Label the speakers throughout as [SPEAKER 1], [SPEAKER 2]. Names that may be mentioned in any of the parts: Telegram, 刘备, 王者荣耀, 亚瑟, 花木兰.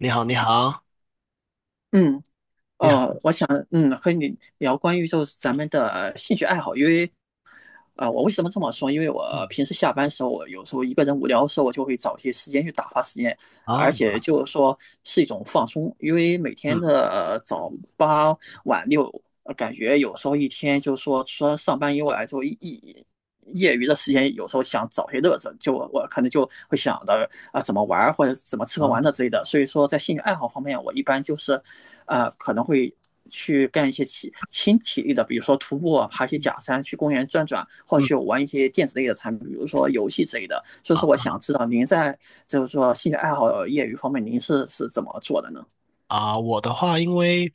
[SPEAKER 1] 你好，你好，
[SPEAKER 2] 嗯，
[SPEAKER 1] 你好。
[SPEAKER 2] 我想，嗯，和你聊关于就是咱们的兴趣爱好。因为啊，我为什么这么说？因为我
[SPEAKER 1] 嗯
[SPEAKER 2] 平时下班时候，我有时候一个人无聊的时候，我就会找些时间去打发时间，
[SPEAKER 1] 啊，
[SPEAKER 2] 而
[SPEAKER 1] 嗯
[SPEAKER 2] 且就是说是一种放松。因为每天的早八晚六，感觉有时候一天就是说，除了上班以外，就一一业余的时间，有时候想找些乐子，就我可能就会想着啊怎么玩儿或者怎么吃喝
[SPEAKER 1] 啊，
[SPEAKER 2] 玩乐之类的。所以说，在兴趣爱好方面，我一般就是，可能会去干一些体轻体力的，比如说徒步、啊、爬一些假
[SPEAKER 1] 嗯
[SPEAKER 2] 山、去公园转转，或者
[SPEAKER 1] 嗯
[SPEAKER 2] 去玩一些电子类的产品，比如说游戏之类的。所以
[SPEAKER 1] 啊
[SPEAKER 2] 说，我想知道您在就是说兴趣爱好、业余方面，您是怎么做的呢？
[SPEAKER 1] 啊，我的话，因为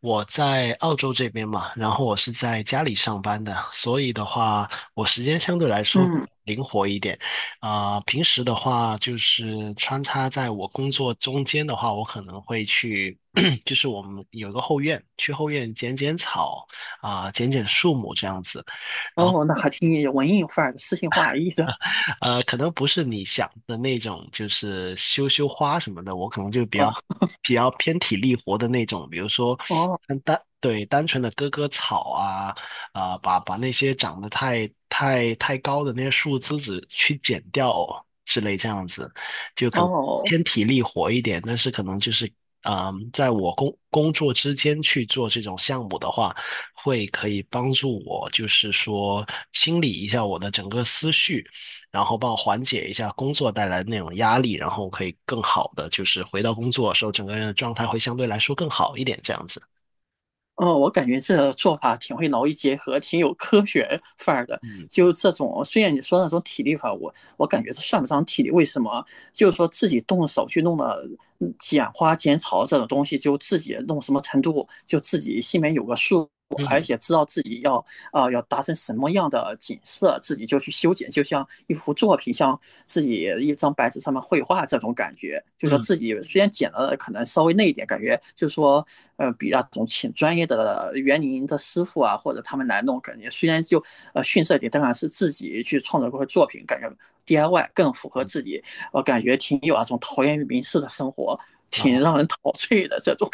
[SPEAKER 1] 我在澳洲这边嘛，然后我是在家里上班的，所以的话，我时间相对来说
[SPEAKER 2] 嗯，
[SPEAKER 1] 灵活一点。啊、平时的话，就是穿插在我工作中间的话，我可能会去，就是我们有一个后院，去后院剪剪草啊、剪剪树木这样子。然后。
[SPEAKER 2] 哦，那还挺文艺范儿的、诗情画意的。
[SPEAKER 1] 可能不是你想的那种，就是修修花什么的，我可能就比较
[SPEAKER 2] 哦
[SPEAKER 1] 比较偏体力活的那种，比如说
[SPEAKER 2] 哦
[SPEAKER 1] 单纯的割割草啊，啊、把那些长得太太太高的那些树枝子去剪掉之类这样子，就可能
[SPEAKER 2] 哦，
[SPEAKER 1] 偏体力活一点，但是可能就是。嗯，在我工作之间去做这种项目的话，会可以帮助我，就是说清理一下我的整个思绪，然后帮我缓解一下工作带来的那种压力，然后可以更好的就是回到工作的时候，整个人的状态会相对来说更好一点，这样子。
[SPEAKER 2] 嗯，我感觉这个做法挺会劳逸结合，挺有科学范儿的。
[SPEAKER 1] 嗯
[SPEAKER 2] 就是这种，虽然你说那种体力法，我感觉这算不上体力。为什么？就是说自己动手去弄的，嗯剪花剪草这种东西，就自己弄什么程度，就自己心里面有个数，而
[SPEAKER 1] 嗯
[SPEAKER 2] 且知道自己要要达成什么样的景色，自己就去修剪，就像一幅作品，像自己一张白纸上面绘画这种感觉。就是说
[SPEAKER 1] 嗯，
[SPEAKER 2] 自己虽然剪了可能稍微那一点，感觉就是说，比那种请专业的园林的师傅啊，或者他们来弄，感觉虽然就逊色一点，但然是自己去创作过的作品，感觉 DIY 更符合自己，我感觉挺有那种陶渊明式的生活，挺
[SPEAKER 1] 啊。
[SPEAKER 2] 让人陶醉的这种。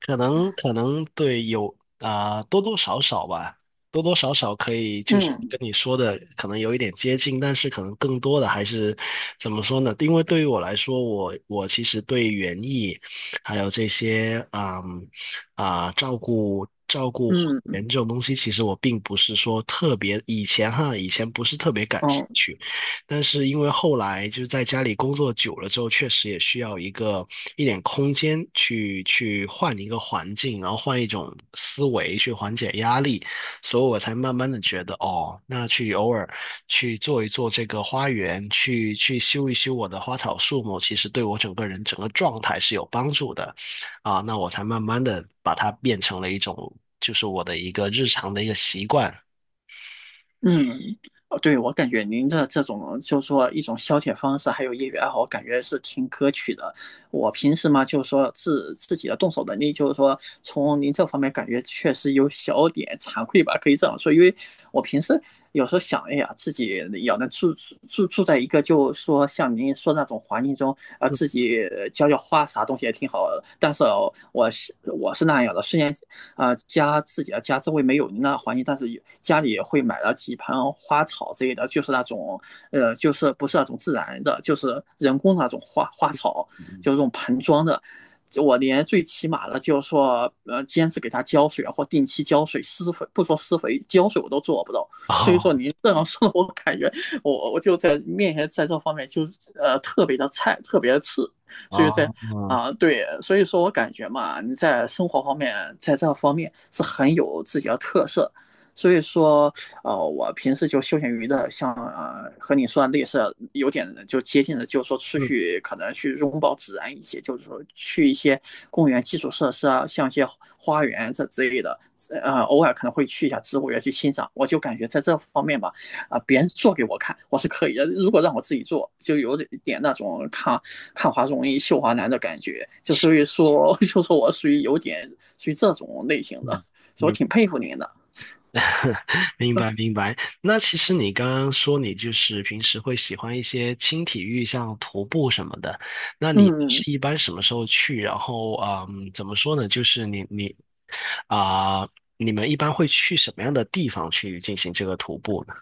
[SPEAKER 1] 可能对有啊、多多少少吧，多多少少可以就是跟
[SPEAKER 2] 嗯
[SPEAKER 1] 你说的可能有一点接近，但是可能更多的还是怎么说呢？因为对于我来说，我其实对园艺还有这些照顾照顾花
[SPEAKER 2] 嗯
[SPEAKER 1] 园这种东西，其实我并不是说特别以前哈，以前不是特别感兴
[SPEAKER 2] 嗯，
[SPEAKER 1] 趣。但是因为后来就是在家里工作久了之后，确实也需要一点空间去换一个环境，然后换一种思维去缓解压力，所以我才慢慢的觉得哦，那去偶尔去做一做这个花园，去修一修我的花草树木，其实对我整个人整个状态是有帮助的啊，那我才慢慢的把它变成了一种就是我的一个日常的一个习惯。
[SPEAKER 2] 嗯，哦，对，我感觉您的这种就是说一种消遣方式，还有业余爱好，我感觉是挺可取的。我平时嘛，就是说自己的动手能力，就是说从您这方面感觉确实有小点惭愧吧，可以这样说。因为我平时有时候想，哎呀，自己要能住住在一个，就是说像您说那种环境中，自己浇浇花啥东西也挺好的。但是哦我是那样的，虽然家自己的家周围没有那环境，但是家里也会买了几盆花草之类的，就是那种就是不是那种自然的，就是人工的那种花花草，就是这种盆装的。我连最起码的，就是说，坚持给它浇水啊或定期浇水、施肥，不说施肥，浇水我都做不到。所以说，
[SPEAKER 1] 哦
[SPEAKER 2] 您这样说，我感觉我就在面前在这方面就特别的菜，特别的次。所以在
[SPEAKER 1] 哦，嗯
[SPEAKER 2] 啊，对，所以说我感觉嘛，你在生活方面，在这方面是很有自己的特色。所以说，我平时就休闲娱乐，像和你说的类似，有点就接近的，就是说出
[SPEAKER 1] 嗯
[SPEAKER 2] 去可能去拥抱自然一些，就是说去一些公园基础设施啊，像一些花园这之类的，偶尔可能会去一下植物园去欣赏。我就感觉在这方面吧，别人做给我看，我是可以的。如果让我自己做，就有点那种看看花容易绣华难的感觉，就所以说，就说我属于有点属于这种类型的，
[SPEAKER 1] 嗯。
[SPEAKER 2] 所以我
[SPEAKER 1] 明
[SPEAKER 2] 挺佩服您的。
[SPEAKER 1] 明白明白。那其实你刚刚说你就是平时会喜欢一些轻体育，像徒步什么的。那你
[SPEAKER 2] 嗯，
[SPEAKER 1] 是一般什么时候去？然后，嗯，怎么说呢？就是啊、你们一般会去什么样的地方去进行这个徒步呢？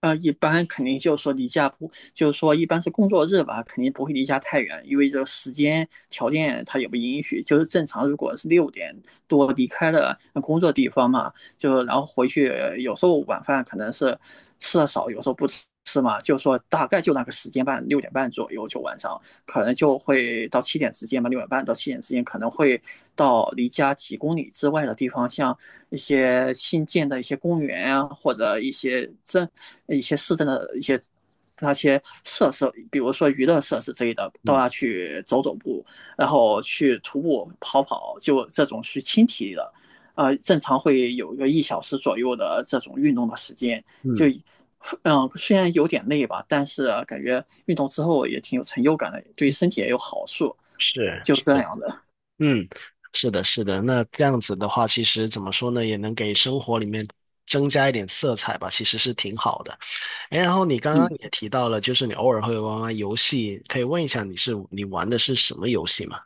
[SPEAKER 2] 一般肯定就是说离家不，就是说一般是工作日吧，肯定不会离家太远，因为这个时间条件它也不允许。就是正常，如果是六点多离开了工作地方嘛，就然后回去，有时候晚饭可能是吃的少，有时候不吃嘛，就是说大概就那个时间半，六点半左右就晚上，可能就会到七点之间吧，六点半到七点之间可能会到离家几公里之外的地方，像一些新建的一些公园啊，或者一些镇、一些市政的一些那些设施，比如说娱乐设施之类的，都
[SPEAKER 1] 嗯
[SPEAKER 2] 要去走走步，然后去徒步跑跑，就这种去轻体力的，正常会有一个一小时左右的这种运动的时间，就。
[SPEAKER 1] 嗯，
[SPEAKER 2] 嗯，虽然有点累吧，但是啊感觉运动之后也挺有成就感的，对身体也有好处，
[SPEAKER 1] 是
[SPEAKER 2] 就这
[SPEAKER 1] 是，
[SPEAKER 2] 样的。
[SPEAKER 1] 嗯，是的，是的。那这样子的话，其实怎么说呢，也能给生活里面增加一点色彩吧，其实是挺好的。哎，然后你刚刚
[SPEAKER 2] 嗯，
[SPEAKER 1] 也提到了，就是你偶尔会玩玩游戏，可以问一下你玩的是什么游戏吗？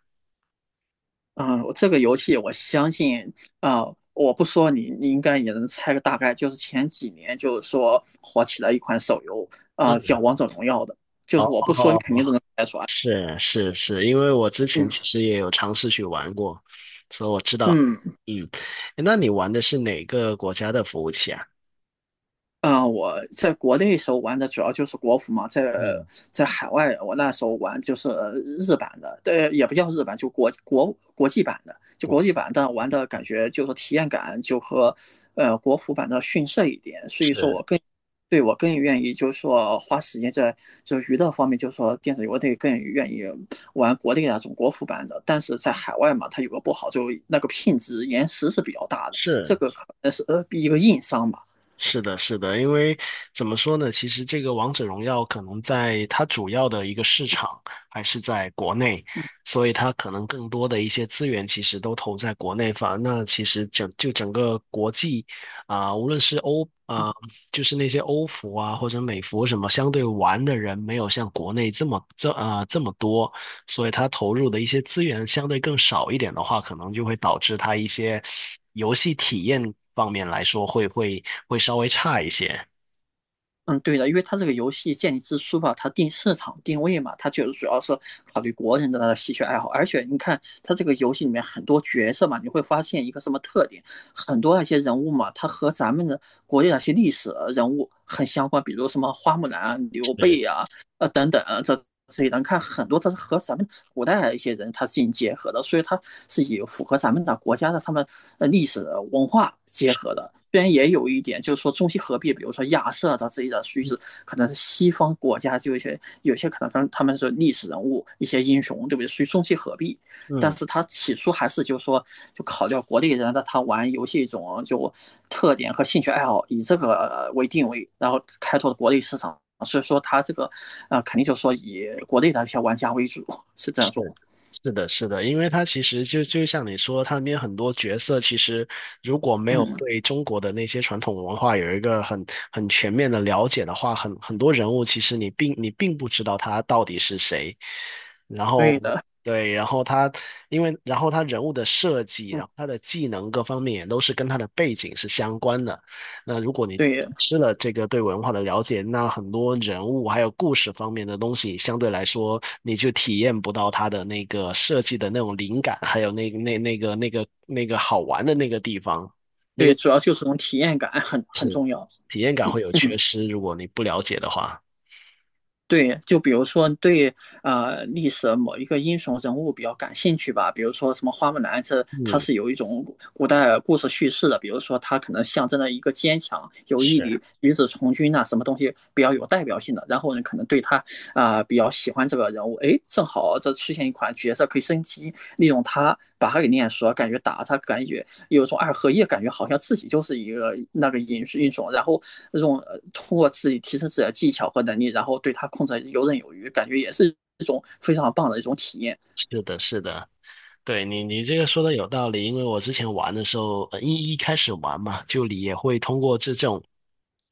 [SPEAKER 2] 嗯，这个游戏我相信，啊，我不说你，你应该也能猜个大概。就是前几年，就是说火起来一款手游，
[SPEAKER 1] 嗯，
[SPEAKER 2] 啊，叫《王者荣耀》的，就是我
[SPEAKER 1] 哦，
[SPEAKER 2] 不说，你肯定都能猜出来。
[SPEAKER 1] 是是是，因为我之前其
[SPEAKER 2] 嗯
[SPEAKER 1] 实也有尝试去玩过，所以我知道。
[SPEAKER 2] 嗯。
[SPEAKER 1] 嗯，那你玩的是哪个国家的服务器啊？
[SPEAKER 2] 嗯，我在国内时候玩的主要就是国服嘛，在
[SPEAKER 1] 嗯，
[SPEAKER 2] 在海外我那时候玩就是日版的，对，也不叫日版，就国际版的，就国际版，但玩的感觉就是体验感就和国服版的逊色一点，所以说
[SPEAKER 1] 是
[SPEAKER 2] 我更愿意就是说花时间在就娱乐方面，就是说电子游类更愿意玩国内那种国服版的，但是在海外嘛，它有个不好，就那个品质延迟是比较大的，这
[SPEAKER 1] 是，
[SPEAKER 2] 个可能是一个硬伤吧。
[SPEAKER 1] 是的，是的，因为怎么说呢？其实这个《王者荣耀》可能在它主要的一个市场还是在国内，所以它可能更多的一些资源其实都投在国内方。那其实整个国际啊、无论是就是那些欧服啊或者美服什么，相对玩的人没有像国内这么多，所以它投入的一些资源相对更少一点的话，可能就会导致它一些游戏体验方面来说会稍微差一些。
[SPEAKER 2] 嗯，对的，因为它这个游戏建立之初吧，它定市场定位嘛，它就是主要是考虑国人的那个兴趣爱好。而且你看，它这个游戏里面很多角色嘛，你会发现一个什么特点？很多那些人物嘛，它和咱们的国内那些历史人物很相关，比如什么花木兰、刘
[SPEAKER 1] 对，
[SPEAKER 2] 备呀、等等这这些人看很多，这是和咱们古代一些人他进行结合的，所以它是有符合咱们的国家的他们历史文化结合的。虽然也有一点，就是说中西合璧，比如说亚瑟这之类的于是可能是西方国家就有些可能他们是历史人物一些英雄，对不对？属于中西合璧，但
[SPEAKER 1] 嗯。
[SPEAKER 2] 是他起初还是就说，就考虑到国内人的他玩游戏一种就特点和兴趣爱好，以这个为定位，然后开拓国内市场。所以说他这个，肯定就说以国内的一些玩家为主，是这
[SPEAKER 1] 对，
[SPEAKER 2] 种。
[SPEAKER 1] 是的，是的，因为他其实就像你说，他里面很多角色其实如果没有
[SPEAKER 2] 嗯，
[SPEAKER 1] 对中国的那些传统文化有一个很全面的了解的话，很多人物其实你并不知道他到底是谁。然后
[SPEAKER 2] 对的，
[SPEAKER 1] 对，然后他因为然后他人物的设计，
[SPEAKER 2] 嗯，
[SPEAKER 1] 然后他的技能各方面也都是跟他的背景是相关的。那如果你
[SPEAKER 2] 对
[SPEAKER 1] 失了这个对文化的了解，那很多人物还有故事方面的东西，相对来说你就体验不到它的那个设计的那种灵感，还有那个好玩的那个地方，那
[SPEAKER 2] 对，
[SPEAKER 1] 个
[SPEAKER 2] 主要就是种体验感很重要。
[SPEAKER 1] 体验感会有缺失，如果你不了解的话。
[SPEAKER 2] 对，就比如说对历史某一个英雄人物比较感兴趣吧，比如说什么花木兰，这它
[SPEAKER 1] 嗯，
[SPEAKER 2] 是有一种古代故事叙事的，比如说它可能象征了一个坚强、有毅力、
[SPEAKER 1] 是。
[SPEAKER 2] 与子从军呐、什么东西比较有代表性的，然后呢可能对他比较喜欢这个人物，哎，正好这出现一款角色可以升级，利用他把他给练熟，感觉打他感觉有种二合一感觉好像自己就是一个那个音英种，然后那种通过自己提升自己的技巧和能力，然后对它控制游刃有余，感觉也是一种非常棒的一种体验。
[SPEAKER 1] 是的，是的，对你，你这个说的有道理，因为我之前玩的时候，一开始玩嘛，就你也会通过这种，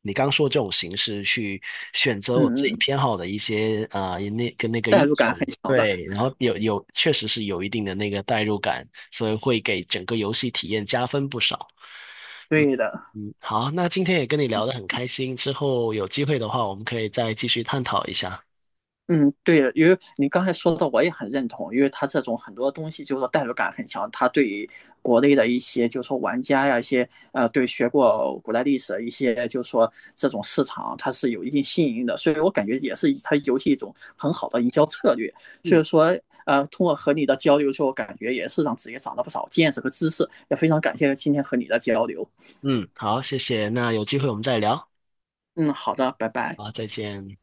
[SPEAKER 1] 你刚说这种形式去选择
[SPEAKER 2] 嗯
[SPEAKER 1] 我自
[SPEAKER 2] 嗯，
[SPEAKER 1] 己
[SPEAKER 2] 嗯
[SPEAKER 1] 偏好的一些啊，那跟那个
[SPEAKER 2] 代
[SPEAKER 1] 英
[SPEAKER 2] 入感很
[SPEAKER 1] 雄，
[SPEAKER 2] 强的，
[SPEAKER 1] 对，然后有确实是有一定的那个代入感，所以会给整个游戏体验加分不少。
[SPEAKER 2] 对的。
[SPEAKER 1] 嗯，好，那今天也跟你聊得很开心，之后有机会的话，我们可以再继续探讨一下。
[SPEAKER 2] 嗯，对，因为你刚才说的我也很认同，因为它这种很多东西就是说代入感很强，它对于国内的一些就是说玩家呀，一些对学过古代历史的一些就是说这种市场，它是有一定吸引力的，所以我感觉也是它游戏一种很好的营销策略。所
[SPEAKER 1] 嗯
[SPEAKER 2] 以说，通过和你的交流之后，感觉也是让自己长了不少见识和知识，也非常感谢今天和你的交流。
[SPEAKER 1] 嗯，好，谢谢，那有机会我们再聊，
[SPEAKER 2] 嗯，好的，拜拜。
[SPEAKER 1] 好，再见。